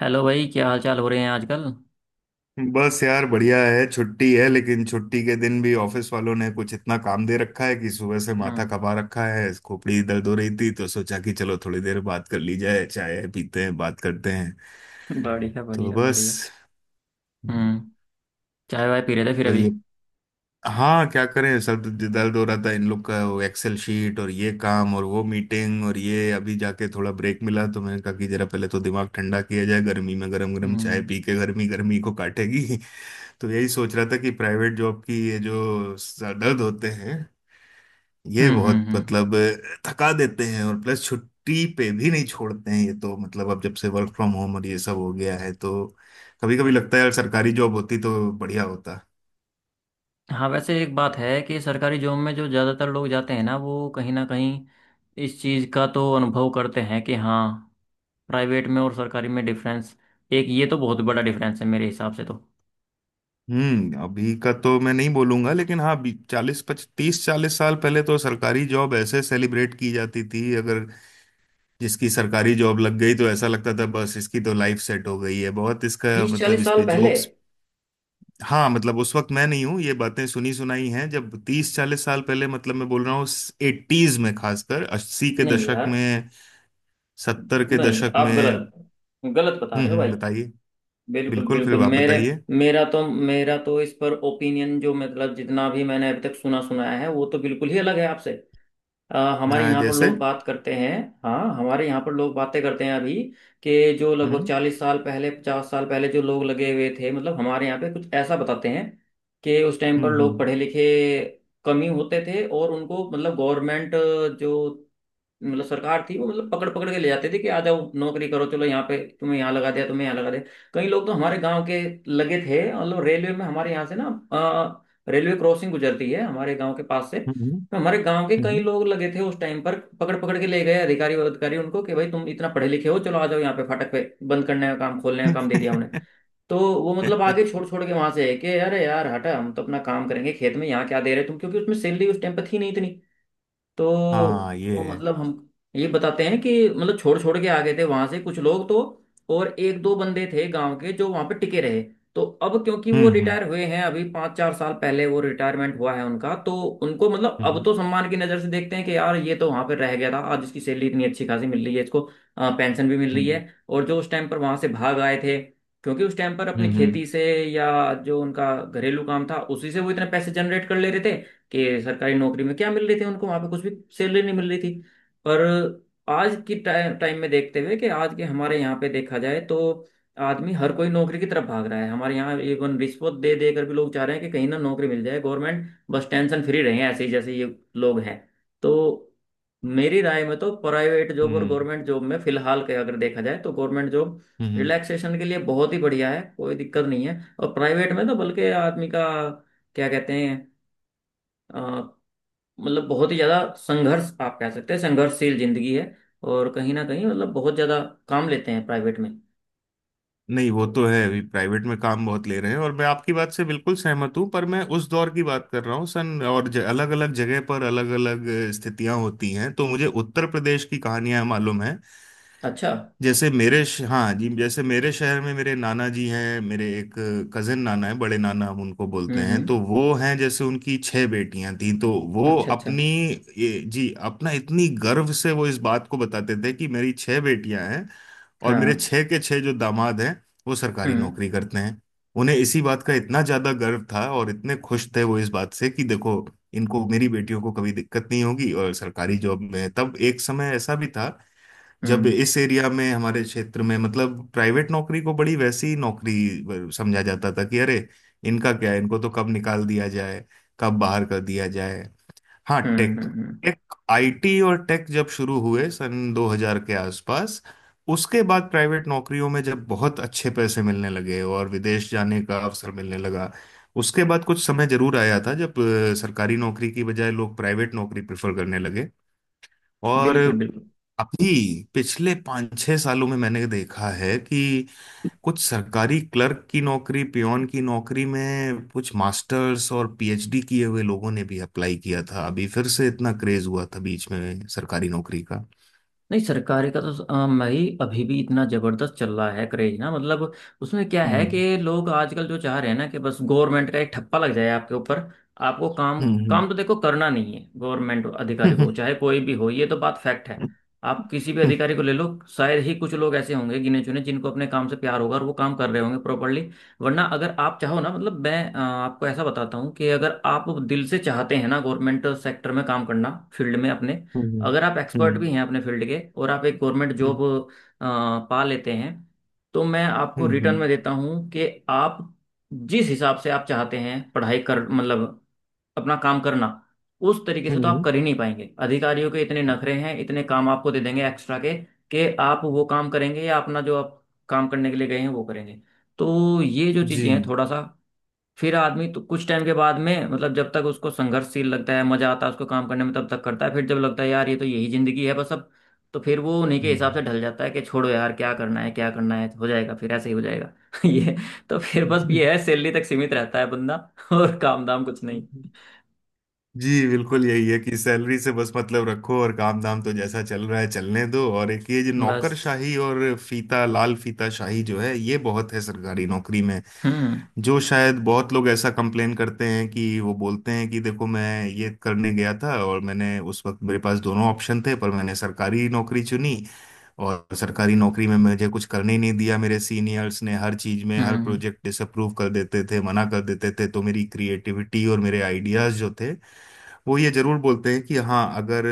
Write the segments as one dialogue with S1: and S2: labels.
S1: Hello भाई, क्या हाल चाल हो रहे हैं आजकल?
S2: बस यार, बढ़िया है। छुट्टी है, लेकिन छुट्टी के दिन भी ऑफिस वालों ने कुछ इतना काम दे रखा है कि सुबह से माथा
S1: हम्म।
S2: खपा रखा है। खोपड़ी दर्द हो रही थी तो सोचा कि चलो थोड़ी देर बात कर ली जाए, चाय पीते हैं, बात करते हैं।
S1: बढ़िया,
S2: तो
S1: बढ़िया, बढ़िया।
S2: बस,
S1: हम्म। चाय वाय पी रहे थे फिर
S2: तो
S1: अभी?
S2: ये, हाँ क्या करें सब। दर्द हो रहा था, इन लोग का वो एक्सेल शीट और ये काम और वो मीटिंग, और ये अभी जाके थोड़ा ब्रेक मिला तो मैंने कहा कि जरा पहले तो दिमाग ठंडा किया जाए। गर्मी में गरम गरम
S1: हम्म,
S2: चाय पी के गर्मी गर्मी को काटेगी। तो यही सोच रहा था कि प्राइवेट जॉब की ये जो सर दर्द होते हैं, ये
S1: हम्म,
S2: बहुत,
S1: हम्म, हम्म।
S2: मतलब, थका देते हैं। और प्लस छुट्टी पे भी नहीं छोड़ते हैं ये, तो मतलब अब जब से वर्क फ्रॉम होम और ये सब हो गया है तो कभी कभी लगता है यार सरकारी जॉब होती तो बढ़िया होता।
S1: हाँ, वैसे एक बात है कि सरकारी जॉब में जो ज़्यादातर लोग जाते हैं ना, वो कहीं ना कहीं इस चीज़ का तो अनुभव करते हैं कि हाँ, प्राइवेट में और सरकारी में डिफरेंस। एक ये तो बहुत बड़ा डिफरेंस है मेरे हिसाब से तो।
S2: हम्म। अभी का तो मैं नहीं बोलूंगा, लेकिन हाँ, चालीस पच तीस चालीस साल पहले तो सरकारी जॉब ऐसे सेलिब्रेट की जाती थी। अगर जिसकी सरकारी जॉब लग गई तो ऐसा लगता था बस इसकी तो लाइफ सेट हो गई है, बहुत इसका
S1: तीस
S2: मतलब
S1: चालीस
S2: इस पे
S1: साल पहले।
S2: जोक्स। हाँ मतलब उस वक्त मैं नहीं हूँ, ये बातें सुनी सुनाई हैं, जब 30-40 साल पहले, मतलब मैं बोल रहा हूँ एटीज में, खासकर अस्सी के
S1: नहीं
S2: दशक
S1: यार।
S2: में, सत्तर के
S1: नहीं,
S2: दशक
S1: आप
S2: में।
S1: गलत, गलत बता रहे हो
S2: हम्म,
S1: भाई।
S2: बताइए।
S1: बिल्कुल
S2: बिल्कुल,
S1: बिल्कुल।
S2: फिर आप
S1: मेरे
S2: बताइए।
S1: मेरा तो इस पर ओपिनियन, जो मतलब जितना भी मैंने अभी तक सुना सुनाया है, वो तो बिल्कुल ही अलग है आपसे। हमारे
S2: हाँ,
S1: यहाँ पर
S2: जैसे।
S1: लोग बात करते हैं। हाँ, हमारे यहाँ पर लोग बातें करते हैं अभी कि जो लगभग
S2: हम्म
S1: चालीस साल पहले, पचास साल पहले जो लोग लगे हुए थे, मतलब हमारे यहाँ पे कुछ ऐसा बताते हैं कि उस टाइम पर
S2: हम्म
S1: लोग
S2: हम्म
S1: पढ़े लिखे कम ही होते थे, और उनको मतलब गवर्नमेंट, जो मतलब सरकार थी, वो मतलब पकड़ पकड़ के ले जाते थे कि आ जाओ नौकरी करो, चलो यहाँ पे, तुम्हें यहाँ लगा दिया, तुम्हें यहाँ लगा दिया। कई लोग तो हमारे गांव के लगे थे, मतलब रेलवे में। हमारे यहाँ से ना, अ, रेलवे क्रॉसिंग गुजरती है हमारे गांव के पास से।
S2: हम्म
S1: तो हमारे गांव के कई
S2: हम्म,
S1: लोग लगे थे उस टाइम पर, पकड़ पकड़ के ले गए अधिकारी, और अधिकारी उनको कि भाई तुम इतना पढ़े लिखे हो, चलो आ जाओ यहाँ पे फाटक पे बंद करने का काम, खोलने का काम दे दिया उन्हें। तो वो मतलब
S2: हम्म।
S1: आगे छोड़ छोड़ के वहां से है कि अरे यार हटा, हम तो अपना काम करेंगे खेत में, यहाँ क्या दे रहे तुम, क्योंकि उसमें सैलरी उस टाइम पर थी नहीं इतनी। तो
S2: हाँ ये
S1: वो
S2: है।
S1: मतलब हम ये बताते हैं कि मतलब छोड़ छोड़ के आ गए थे वहां से कुछ लोग तो, और एक दो बंदे थे गांव के जो वहां पे टिके रहे। तो अब क्योंकि वो
S2: हम्म हम्म
S1: रिटायर हुए हैं अभी, पाँच चार साल पहले वो रिटायरमेंट हुआ है उनका, तो उनको मतलब अब
S2: हम्म
S1: तो सम्मान की नजर से देखते हैं कि यार ये तो वहां पे रह गया था, आज इसकी सैलरी इतनी अच्छी खासी मिल रही है इसको, पेंशन भी मिल रही
S2: हम्म
S1: है। और जो उस टाइम पर वहां से भाग आए थे, क्योंकि उस टाइम पर
S2: हम्म
S1: अपनी
S2: हम्म
S1: खेती से या जो उनका घरेलू काम था उसी से वो इतने पैसे जनरेट कर ले रहे थे कि सरकारी नौकरी में क्या मिल रही थी उनको, वहां पे कुछ भी सैलरी नहीं मिल रही थी। पर आज की टाइम टाइम में देखते हुए कि आज के हमारे यहाँ पे देखा जाए, तो आदमी, हर कोई नौकरी की तरफ भाग रहा है हमारे यहाँ, इवन रिश्वत दे दे कर भी लोग चाह रहे हैं कि कहीं ना नौकरी मिल जाए गवर्नमेंट, बस टेंशन फ्री रहे ऐसे ही जैसे ये लोग हैं। तो मेरी राय में तो प्राइवेट जॉब और
S2: हम्म,
S1: गवर्नमेंट जॉब में फिलहाल के अगर देखा जाए, तो गवर्नमेंट जॉब
S2: हम्म।
S1: रिलैक्सेशन के लिए बहुत ही बढ़िया है, कोई दिक्कत नहीं है। और प्राइवेट में तो बल्कि आदमी का क्या कहते हैं, अ, मतलब बहुत ही ज्यादा संघर्ष, आप कह सकते हैं संघर्षशील जिंदगी है, और कहीं ना कहीं मतलब बहुत ज्यादा काम लेते हैं प्राइवेट में।
S2: नहीं, वो
S1: तो
S2: तो है, अभी प्राइवेट में काम बहुत ले रहे हैं, और मैं आपकी बात से बिल्कुल सहमत हूँ, पर मैं उस दौर की बात कर रहा हूँ। अलग अलग जगह पर अलग अलग स्थितियां होती हैं, तो मुझे उत्तर प्रदेश की कहानियां मालूम है।
S1: अच्छा।
S2: जैसे हाँ जी, जैसे मेरे शहर में मेरे नाना जी हैं, मेरे एक कजिन नाना है, बड़े नाना हम उनको बोलते
S1: हम्म,
S2: हैं।
S1: हम्म।
S2: तो वो हैं, जैसे उनकी छह बेटियां थीं, तो वो
S1: अच्छा, अच्छा,
S2: अपनी जी, अपना इतनी गर्व से वो इस बात को बताते थे कि मेरी छह बेटियां हैं और मेरे
S1: हाँ।
S2: छह के छह जो दामाद हैं वो सरकारी
S1: हम्म,
S2: नौकरी करते हैं। उन्हें इसी बात का इतना ज्यादा गर्व था और इतने खुश थे वो इस बात से कि देखो, इनको, मेरी बेटियों को, कभी दिक्कत नहीं होगी। और सरकारी जॉब में तब एक समय ऐसा भी था जब
S1: हम्म,
S2: इस एरिया में, हमारे क्षेत्र में, मतलब प्राइवेट नौकरी को बड़ी वैसी नौकरी समझा जाता था कि अरे इनका क्या है, इनको तो कब निकाल दिया जाए, कब बाहर कर दिया जाए। हाँ,
S1: हम्म,
S2: टेक
S1: हम्म, हम्म।
S2: टेक आईटी और टेक जब शुरू हुए सन 2000 के आसपास, उसके बाद प्राइवेट नौकरियों में जब बहुत अच्छे पैसे मिलने लगे और विदेश जाने का अवसर मिलने लगा, उसके बाद कुछ समय जरूर आया था जब सरकारी नौकरी की बजाय लोग प्राइवेट नौकरी प्रेफर करने लगे। और
S1: बिल्कुल, बिल्कुल।
S2: अभी पिछले 5-6 सालों में मैंने देखा है कि कुछ सरकारी क्लर्क की नौकरी, पियोन की नौकरी में कुछ मास्टर्स और पीएचडी किए हुए लोगों ने भी अप्लाई किया था। अभी फिर से इतना क्रेज हुआ था बीच में सरकारी नौकरी का।
S1: नहीं, सरकारी का तो भाई अभी भी इतना जबरदस्त चल रहा है क्रेज ना। मतलब उसमें क्या है
S2: हम्म
S1: कि लोग आजकल जो चाह रहे हैं ना कि बस गवर्नमेंट का एक ठप्पा लग जाए आपके ऊपर, आपको काम
S2: हम्म
S1: काम तो देखो करना नहीं है। गवर्नमेंट अधिकारी
S2: हम्म
S1: को, चाहे कोई भी हो, ये तो बात फैक्ट है। आप किसी भी
S2: हम्म
S1: अधिकारी को ले लो, शायद ही कुछ लोग ऐसे होंगे गिने चुने जिनको अपने काम से प्यार होगा और वो काम कर रहे होंगे प्रॉपरली। वरना अगर आप चाहो ना, मतलब मैं आपको ऐसा बताता हूँ कि अगर आप दिल से चाहते हैं ना गवर्नमेंट सेक्टर में काम करना, फील्ड में अपने,
S2: हम्म
S1: अगर आप एक्सपर्ट भी
S2: हम्म
S1: हैं अपने फील्ड के, और आप एक गवर्नमेंट जॉब पा लेते हैं, तो मैं आपको
S2: हम्म
S1: रिटर्न में
S2: हम्म,
S1: देता हूँ कि आप जिस हिसाब से आप चाहते हैं पढ़ाई कर, मतलब अपना काम करना, उस तरीके से तो आप
S2: हम्म,
S1: कर ही नहीं पाएंगे। अधिकारियों के इतने
S2: हम्म,
S1: नखरे हैं, इतने काम आपको दे देंगे एक्स्ट्रा के, कि आप वो काम करेंगे या अपना जो आप काम करने के लिए गए हैं वो करेंगे। तो ये जो चीज़ें हैं
S2: जी।
S1: थोड़ा सा, फिर आदमी तो कुछ टाइम के बाद में, मतलब जब तक उसको संघर्षशील लगता है, मजा आता है उसको काम करने में, तब तक करता है। फिर जब लगता है यार ये तो यही जिंदगी है बस, अब तो फिर वो उन्हीं के हिसाब से ढल जाता है कि छोड़ो यार क्या करना है, क्या करना है, हो जाएगा, फिर ऐसे ही हो जाएगा। ये, तो फिर बस
S2: हम्म,
S1: ये है, सैलरी तक सीमित रहता है बंदा। और काम दाम कुछ नहीं,
S2: जी, बिल्कुल यही है कि सैलरी से बस मतलब रखो और काम धाम तो जैसा चल रहा है चलने दो। और एक ये जो
S1: बस।
S2: नौकरशाही और फीता, लाल फीता शाही जो है, ये बहुत है सरकारी नौकरी में,
S1: हम्म,
S2: जो शायद बहुत लोग ऐसा कंप्लेन करते हैं कि वो बोलते हैं कि देखो, मैं ये करने गया था और मैंने, उस वक्त मेरे पास दोनों ऑप्शन थे, पर मैंने सरकारी नौकरी चुनी, और सरकारी नौकरी में मुझे कुछ करने ही नहीं दिया। मेरे सीनियर्स ने हर चीज में,
S1: हम्म,
S2: हर प्रोजेक्ट डिसअप्रूव कर देते थे, मना कर देते थे, तो मेरी क्रिएटिविटी और मेरे आइडियाज जो थे वो, ये जरूर बोलते हैं कि हाँ, अगर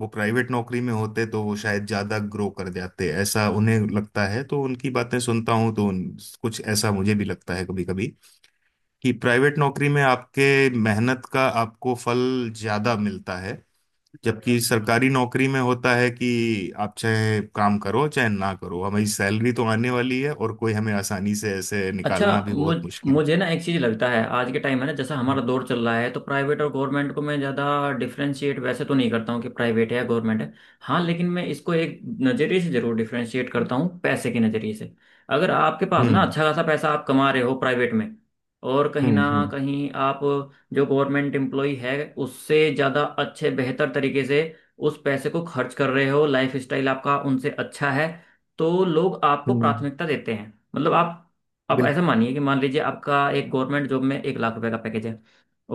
S2: वो प्राइवेट नौकरी में होते तो वो शायद ज्यादा ग्रो कर जाते, ऐसा उन्हें लगता है। तो उनकी बातें सुनता हूँ तो कुछ ऐसा मुझे भी लगता है कभी कभी कि प्राइवेट नौकरी में आपके मेहनत का आपको फल ज्यादा मिलता है। जबकि सरकारी नौकरी में होता है कि आप चाहे काम करो चाहे ना करो हमारी सैलरी तो आने वाली है, और कोई हमें आसानी से ऐसे
S1: अच्छा
S2: निकालना भी
S1: मुझ
S2: बहुत मुश्किल है।
S1: मुझे ना एक चीज़ लगता है, आज के टाइम है ना, जैसा हमारा दौर चल रहा है, तो प्राइवेट और गवर्नमेंट को मैं ज़्यादा डिफरेंशिएट वैसे तो नहीं करता हूँ कि प्राइवेट है या गवर्नमेंट है। हाँ, लेकिन मैं इसको एक नज़रिए से ज़रूर डिफरेंशिएट करता हूँ, पैसे के नज़रिए से। अगर आपके पास ना
S2: हम्म
S1: अच्छा खासा पैसा आप कमा रहे हो प्राइवेट में, और कहीं
S2: हम्म
S1: ना
S2: हम्म
S1: कहीं आप जो गवर्नमेंट एम्प्लॉय है उससे ज़्यादा अच्छे बेहतर तरीके से उस पैसे को खर्च कर रहे हो, लाइफ स्टाइल आपका उनसे अच्छा है, तो लोग आपको
S2: हम्म।
S1: प्राथमिकता देते हैं। मतलब आप, अब
S2: बिल्कुल।
S1: ऐसा मानिए कि मान लीजिए आपका एक गवर्नमेंट जॉब में एक लाख रुपए का पैकेज है,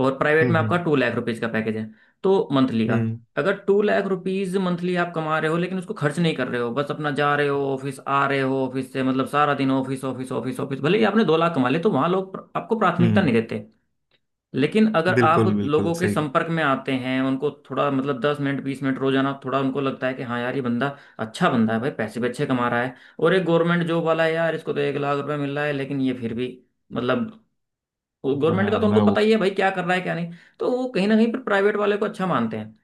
S1: और प्राइवेट
S2: हम्म
S1: में आपका
S2: हम्म
S1: टू लाख रुपीज का पैकेज है। तो मंथली का,
S2: हम्म
S1: अगर टू लाख रुपीज मंथली आप कमा रहे हो, लेकिन उसको खर्च नहीं कर रहे हो, बस अपना जा रहे हो ऑफिस, आ रहे हो ऑफिस से, मतलब सारा दिन ऑफिस ऑफिस ऑफिस ऑफिस, भले ही आपने दो लाख कमा ले, तो वहां लोग आपको प्राथमिकता नहीं
S2: हम्म।
S1: देते। लेकिन अगर आप
S2: बिल्कुल बिल्कुल
S1: लोगों के
S2: सही।
S1: संपर्क में आते हैं, उनको थोड़ा मतलब दस मिनट बीस मिनट रोजाना, थोड़ा उनको लगता है कि हाँ यार ये बंदा अच्छा बंदा है भाई, पैसे भी अच्छे कमा रहा है, और एक गवर्नमेंट जॉब वाला है यार, इसको तो एक लाख रुपए मिल रहा है, लेकिन ये फिर भी, मतलब गवर्नमेंट का
S2: हाँ
S1: तो उनको
S2: ना वो।
S1: पता ही है भाई क्या कर रहा है क्या नहीं। तो वो कहीं ना कहीं पर प्राइवेट वाले को अच्छा मानते हैं।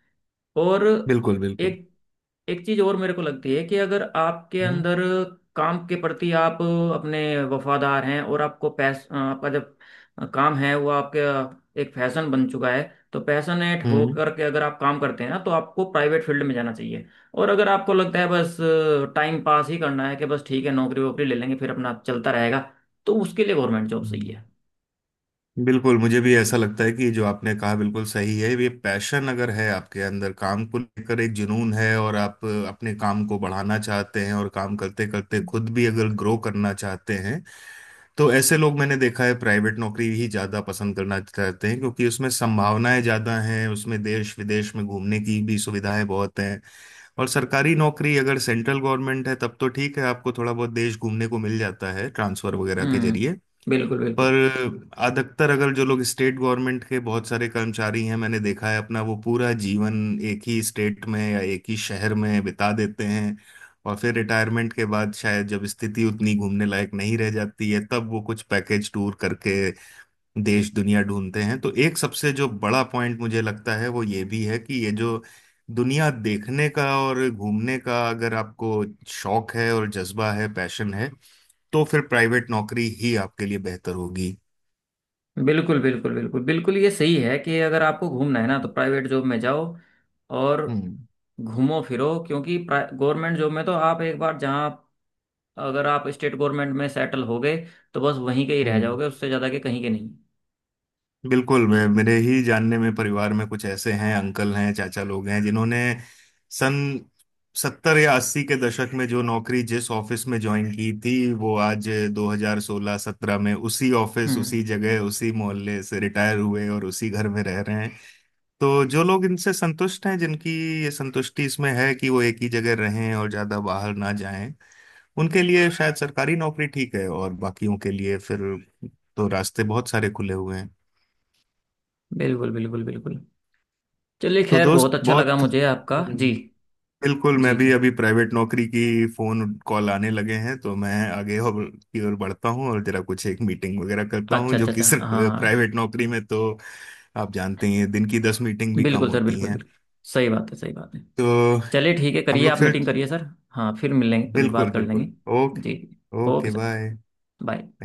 S1: और
S2: बिल्कुल बिल्कुल।
S1: एक एक चीज और मेरे को लगती है कि अगर आपके
S2: हम्म
S1: अंदर काम के प्रति आप अपने वफादार हैं, और आपको पैस, आपका जब काम है वो आपके एक फैशन बन चुका है, तो पैशनेट
S2: हम्म
S1: होकर के अगर आप काम करते हैं ना, तो आपको प्राइवेट फील्ड में जाना चाहिए। और अगर आपको लगता है बस टाइम पास ही करना है, कि बस ठीक है नौकरी वोकरी ले लेंगे फिर अपना चलता रहेगा, तो उसके लिए गवर्नमेंट जॉब सही है।
S2: हम्म। बिल्कुल, मुझे भी ऐसा लगता है कि जो आपने कहा बिल्कुल सही है। ये पैशन अगर है आपके अंदर, काम को लेकर एक जुनून है, और आप अपने काम को बढ़ाना चाहते हैं और काम करते करते खुद भी अगर ग्रो करना चाहते हैं, तो ऐसे लोग मैंने देखा है प्राइवेट नौकरी ही ज़्यादा पसंद करना चाहते हैं, क्योंकि उसमें संभावनाएं ज़्यादा हैं, उसमें देश विदेश में घूमने की भी सुविधाएं बहुत हैं। और सरकारी नौकरी अगर सेंट्रल गवर्नमेंट है तब तो ठीक है, आपको थोड़ा बहुत देश घूमने को मिल जाता है ट्रांसफर वगैरह के जरिए।
S1: हम्म। बिल्कुल, बिल्कुल।
S2: पर अधिकतर, अगर जो लोग स्टेट गवर्नमेंट के बहुत सारे कर्मचारी हैं, मैंने देखा है अपना वो पूरा जीवन एक ही स्टेट में या एक ही शहर में बिता देते हैं, और फिर रिटायरमेंट के बाद शायद जब स्थिति उतनी घूमने लायक नहीं रह जाती है तब वो कुछ पैकेज टूर करके देश दुनिया ढूंढते हैं। तो एक सबसे जो बड़ा पॉइंट मुझे लगता है वो ये भी है कि ये जो दुनिया देखने का और घूमने का, अगर आपको शौक है और जज्बा है, पैशन है, तो फिर प्राइवेट नौकरी ही आपके लिए बेहतर होगी।
S1: बिल्कुल, बिल्कुल, बिल्कुल, बिल्कुल, ये सही है कि अगर आपको घूमना है ना तो
S2: हम्म
S1: प्राइवेट जॉब में जाओ, और
S2: हम्म
S1: घूमो फिरो, क्योंकि गवर्नमेंट जॉब में तो आप एक बार जहाँ, अगर आप स्टेट गवर्नमेंट में सेटल हो गए, तो बस वहीं के ही रह
S2: हम्म।
S1: जाओगे, उससे ज़्यादा के कहीं के नहीं।
S2: बिल्कुल। मैं मेरे ही जानने में, परिवार में कुछ ऐसे हैं, अंकल हैं, चाचा लोग हैं, जिन्होंने सन सत्तर या अस्सी के दशक में जो नौकरी जिस ऑफिस में ज्वाइन की थी वो आज 2016-17 में उसी ऑफिस,
S1: हम्म।
S2: उसी जगह, उसी मोहल्ले से रिटायर हुए और उसी घर में रह रहे हैं। तो जो लोग इनसे संतुष्ट हैं, जिनकी ये संतुष्टि इसमें है कि वो एक ही जगह रहें और ज्यादा बाहर ना जाएं, उनके लिए शायद सरकारी नौकरी ठीक है, और बाकियों के लिए फिर तो रास्ते बहुत सारे खुले हुए हैं।
S1: बिल्कुल, बिल्कुल, बिल्कुल। चलिए
S2: तो
S1: खैर,
S2: दोस्त
S1: बहुत अच्छा लगा
S2: बहुत,
S1: मुझे आपका। जी
S2: बिल्कुल, मैं
S1: जी।
S2: भी
S1: जी,
S2: अभी प्राइवेट नौकरी की फोन कॉल आने लगे हैं, तो मैं आगे और की ओर बढ़ता हूँ और जरा कुछ एक मीटिंग वगैरह करता हूँ,
S1: अच्छा,
S2: जो
S1: अच्छा,
S2: कि
S1: अच्छा,
S2: सर,
S1: हाँ।
S2: प्राइवेट नौकरी में तो आप जानते ही हैं दिन की 10 मीटिंग भी कम
S1: बिल्कुल सर,
S2: होती
S1: बिल्कुल,
S2: हैं।
S1: बिल्कुल। सही बात है, सही बात है।
S2: तो
S1: चलिए ठीक है,
S2: हम
S1: करिए
S2: लोग
S1: आप,
S2: फिर,
S1: मीटिंग करिए सर। हाँ, फिर मिल लेंगे, कभी बात
S2: बिल्कुल
S1: कर लेंगे।
S2: बिल्कुल।
S1: जी जी।
S2: Okay.
S1: Okay
S2: okay
S1: sir.
S2: Bye.
S1: Bye.